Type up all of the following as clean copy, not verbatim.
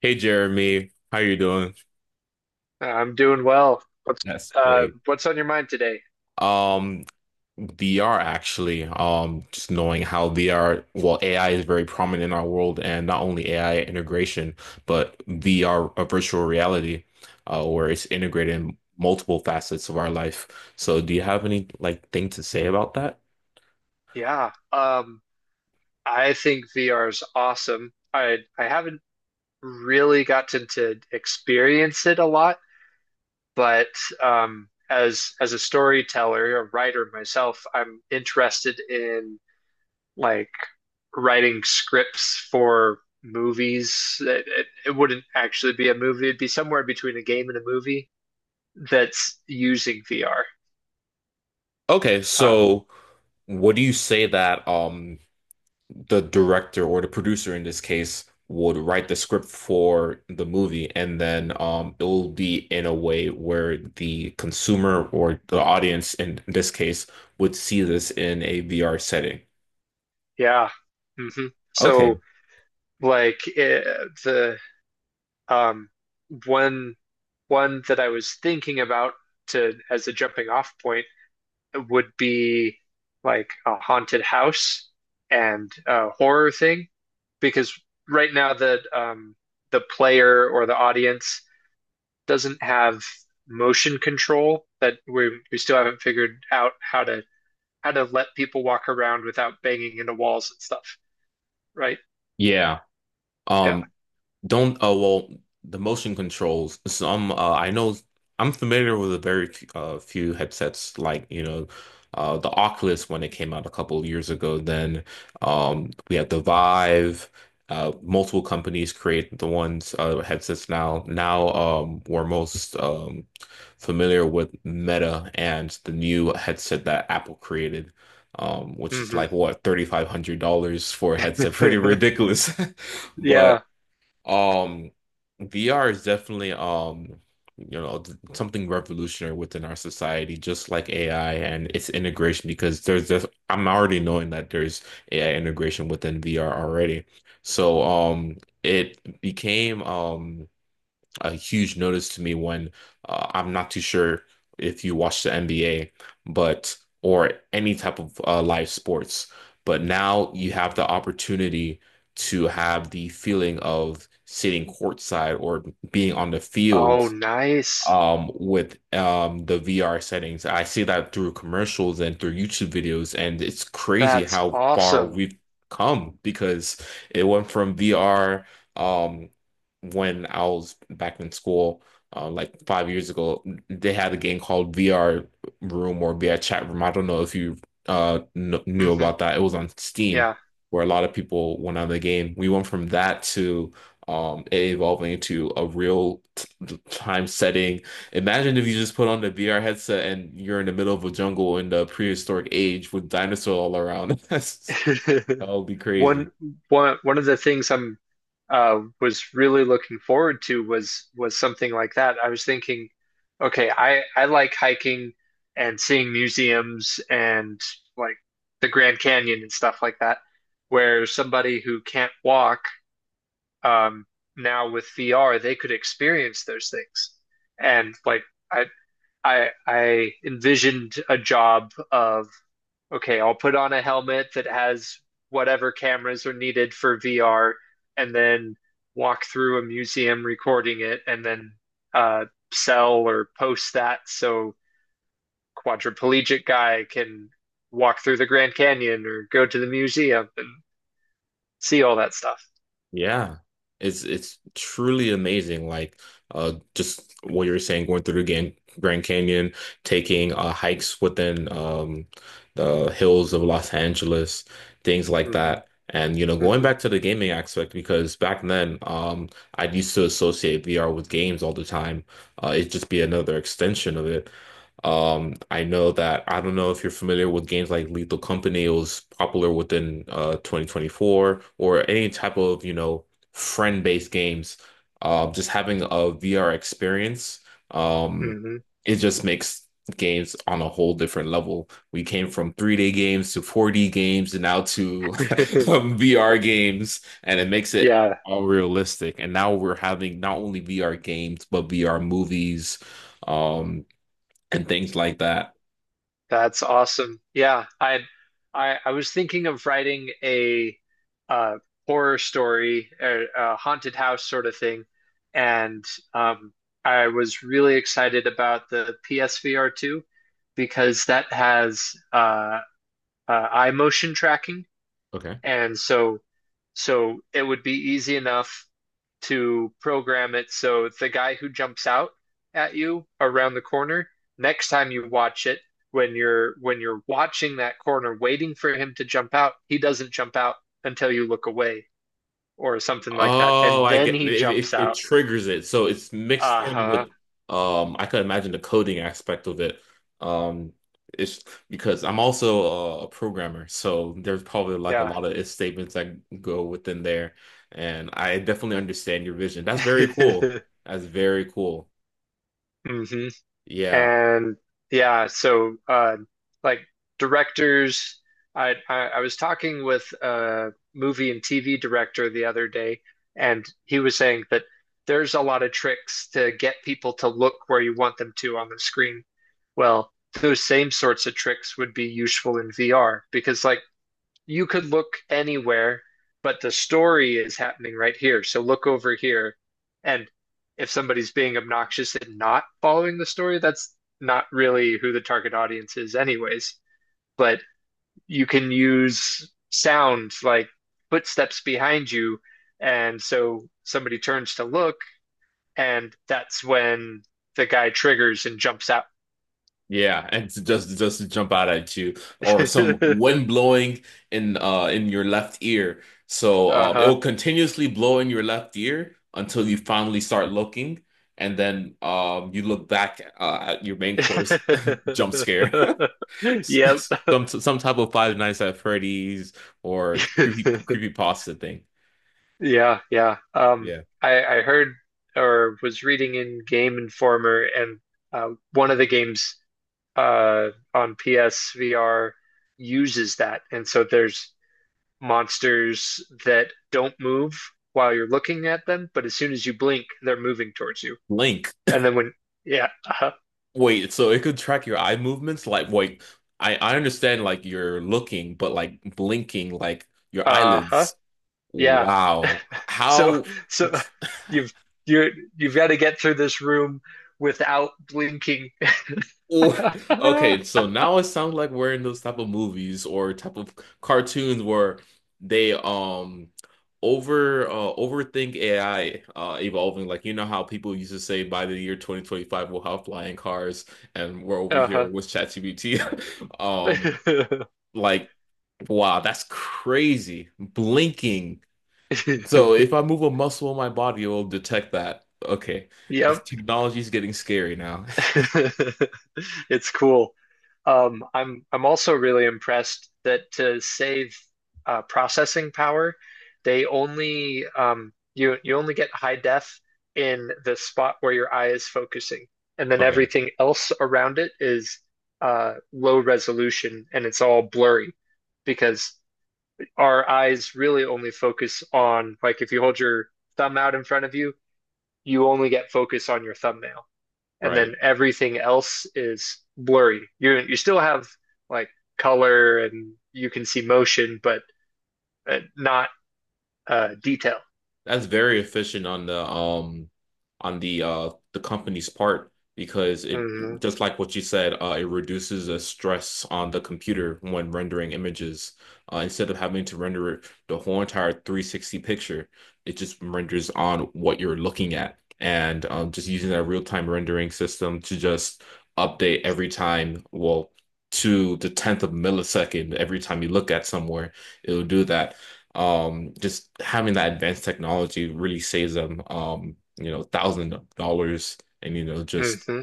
Hey Jeremy, how you doing? I'm doing well. What's That's uh great. what's on your mind today? Um, VR actually, just knowing how VR, well, AI is very prominent in our world, and not only AI integration, but VR, a virtual reality, where it's integrated in multiple facets of our life. So, do you have any like thing to say about that? Yeah. I think VR is awesome. I haven't really gotten to experience it a lot, but as a storyteller, a writer myself, I'm interested in like writing scripts for movies. It wouldn't actually be a movie. It'd be somewhere between a game and a movie that's using VR. Okay, Uh so what do you say that the director or the producer in this case would write the script for the movie, and then it'll be in a way where the consumer or the audience in this case would see this in a VR setting. yeah. hmm Okay. so Like it, the um one one that I was thinking about to as a jumping off point would be like a haunted house and a horror thing because right now the player or the audience doesn't have motion control that we still haven't figured out how to let people walk around without banging into walls and stuff, right? Yeah. Yeah. Um Don't, well, the motion controls. I know I'm familiar with a very few headsets, like, the Oculus when it came out a couple of years ago. Then we had the Vive. Multiple companies create the ones headsets now. Now we're most familiar with Meta and the new headset that Apple created, which is Hmm. like what $3,500 for a headset. Pretty ridiculous. But Yeah. um, VR is definitely something revolutionary within our society, just like AI and its integration, because there's this, I'm already knowing that there's AI integration within VR already. So it became a huge notice to me when I'm not too sure if you watch the NBA, but or any type of live sports. But now you have the opportunity to have the feeling of sitting courtside or being on the Oh, field nice. With the VR settings. I see that through commercials and through YouTube videos, and it's crazy That's how far awesome. we've come because it went from VR um, when I was back in school. Like 5 years ago, they had a game called VR Room or VR Chat Room. I don't know if you kn knew Hmm. about that. It was on Steam, Yeah. where a lot of people went on the game. We went from that to it evolving into a real t time setting. Imagine if you just put on the VR headset and you're in the middle of a jungle in the prehistoric age with dinosaurs all around. That would be crazy. One one of the things I'm was really looking forward to was something like that. I was thinking, okay, I like hiking and seeing museums and like the Grand Canyon and stuff like that, where somebody who can't walk, um now with VR, they could experience those things. And like I I envisioned a job of okay, I'll put on a helmet that has whatever cameras are needed for VR, and then walk through a museum recording it, and then uh, sell or post that so quadriplegic guy can walk through the Grand Canyon or go to the museum and see all that stuff. Yeah. It's truly amazing. Like just what you were saying, going through the Grand Canyon, taking hikes within the hills of Los Angeles, things like Hmm. that. And you know, going Hmm. back to the gaming aspect, because back then, I used to associate VR with games all the time. It'd just be another extension of it. I know that I don't know if you're familiar with games like Lethal Company. It was popular within 2024 or any type of, you know, friend-based games. Just having a VR experience, um, Hmm. it just makes games on a whole different level. We came from 3D games to 4D games and now to VR games, and it makes it Yeah. all realistic. And now we're having not only VR games, but VR movies. Um, and things like that. That's awesome. Yeah, I was thinking of writing a uh horror story, a haunted house sort of thing, and um I was really excited about the PSVR 2 because that has eye motion tracking Okay. and so it would be easy enough to program it so the guy who jumps out at you around the corner, next time you watch it, when you're watching that corner waiting for him to jump out, he doesn't jump out until you look away or something like that. Oh, And I then get he jumps it. It out. triggers it, so it's mixed in Uh-huh. with. I could imagine the coding aspect of it. Um, it's because I'm also a programmer, so there's probably like a Yeah. lot of if statements that go within there, and I definitely understand your vision. That's very cool. That's very cool. Hmm. Yeah. And yeah, so like directors, I was talking with a movie and TV director the other day, and he was saying that there's a lot of tricks to get people to look where you want them to on the screen. Well, those same sorts of tricks would be useful in VR because like you could look anywhere, but the story is happening right here. So look over here. And if somebody's being obnoxious and not following the story, that's not really who the target audience is, anyways. But you can use sound like footsteps behind you. And so somebody turns to look, and that's when the guy triggers and jumps out. Yeah, and to just to jump out at you, or some wind blowing in your left ear. So it Uh-huh. will continuously blow in your left ear until you finally start looking, and then you look back at your main course, jump scare. Yep. Some type of Five Nights at Freddy's or creepy pasta thing. Yeah, yeah. Yeah, I heard or was reading in Game Informer, and one of the games on PSVR uses that, and so there's monsters that don't move while you're looking at them, but as soon as you blink, they're moving towards you. Link. And then when Yeah, uh-huh, Wait, so it could track your eye movements? Like, wait, I understand like you're looking, but like blinking, like your uh-huh, eyelids. yeah. Wow. So How? so you've you're you've got to get through this room without blinking. Oh, okay, so now it sounds like we're in those type of movies or type of cartoons where they overthink AI evolving. Like you know how people used to say by the year 2025 we'll have flying cars and we're over here Uh-huh. with ChatGPT. Um like, wow, that's crazy. Blinking. So if I move a muscle in my body, it will detect that. Okay. Yep. Technology's getting scary now. It's cool. I'm also really impressed that to save processing power, they only you only get high def in the spot where your eye is focusing, and then Okay, everything else around it is low resolution and it's all blurry because our eyes really only focus on like if you hold your thumb out in front of you, you only get focus on your thumbnail. And right. then everything else is blurry. You still have like color and you can see motion, but not detail. That's very efficient on the the company's part because it, Hmm. just like what you said, it reduces the stress on the computer when rendering images. Instead of having to render it the whole entire 360 picture, it just renders on what you're looking at. And just using that real-time rendering system to just update every time, well, to the tenth of millisecond every time you look at somewhere, it'll do that. Just having that advanced technology really saves them, thousands of dollars and, just Hmm.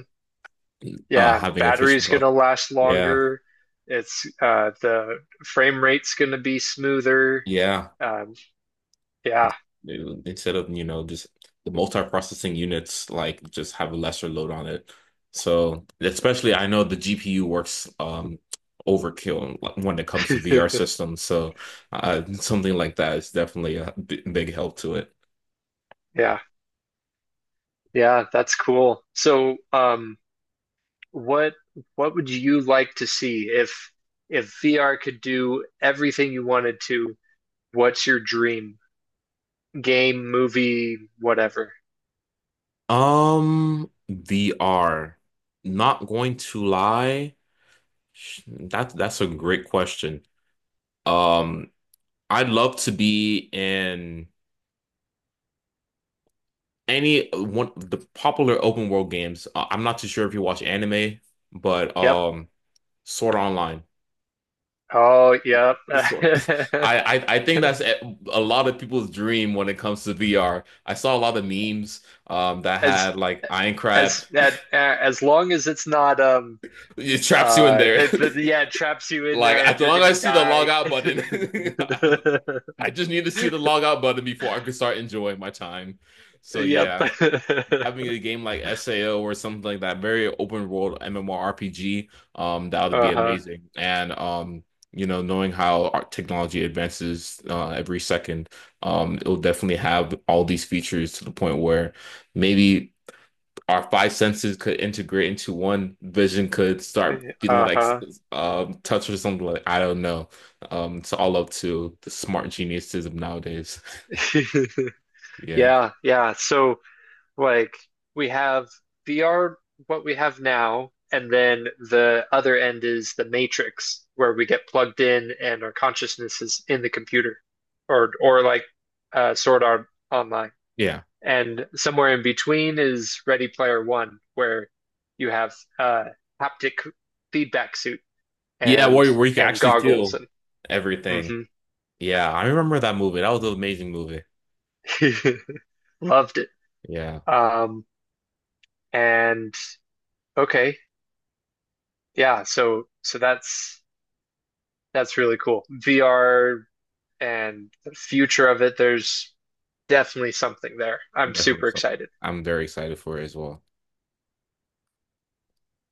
Yeah, having efficient. battery's gonna last Yeah. longer. It's the frame rate's gonna be smoother. Yeah. Um, It's- yeah, Instead of, you know, just the multi-processing units like just have a lesser load on it. So especially I know the GPU works overkill when it comes to VR systems. So something like that is definitely a b big help to it. yeah, yeah. That's cool. So, what what would you like to see if VR could do everything you wanted to? What's your dream game, movie, whatever? VR. Not going to lie. That's a great question. Um, I'd love to be in any one of the popular open world games. I'm not too sure if you watch anime, but Yep. Sword Art Online. Oh, yep. Sword. I think that's a lot of people's dream when it comes to VR. I saw a lot of memes that As had like Iron Crab. as that as long as it's not It traps you in there. Yeah, it traps you in Like there and as you're long as gonna I see the log die. out button, I just need to see the log out button before I can start enjoying my time. So Yep. yeah, having a game like SAO or something like that, very open world MMORPG, that would be Uh-huh. amazing. And knowing how our technology advances every second, it'll definitely have all these features to the point where maybe our five senses could integrate into one vision could start feeling like Uh-huh. Touch or something like I don't know. It's all up to the smart geniuses of nowadays. Yeah. Yeah, yeah. So like we have VR, what we have now, and then the other end is the Matrix, where we get plugged in and our consciousness is in the computer, or like Sword Art Online. Yeah. And somewhere in between is Ready Player One, where you have haptic feedback suit Yeah, and where you can and actually goggles feel and everything. Mhm. Yeah, I remember that movie. That was an amazing movie. Loved it. Yeah, Um, and okay, yeah. So that's really cool. VR and the future of it, there's definitely something there. I'm definitely. super So excited. I'm very excited for it as well.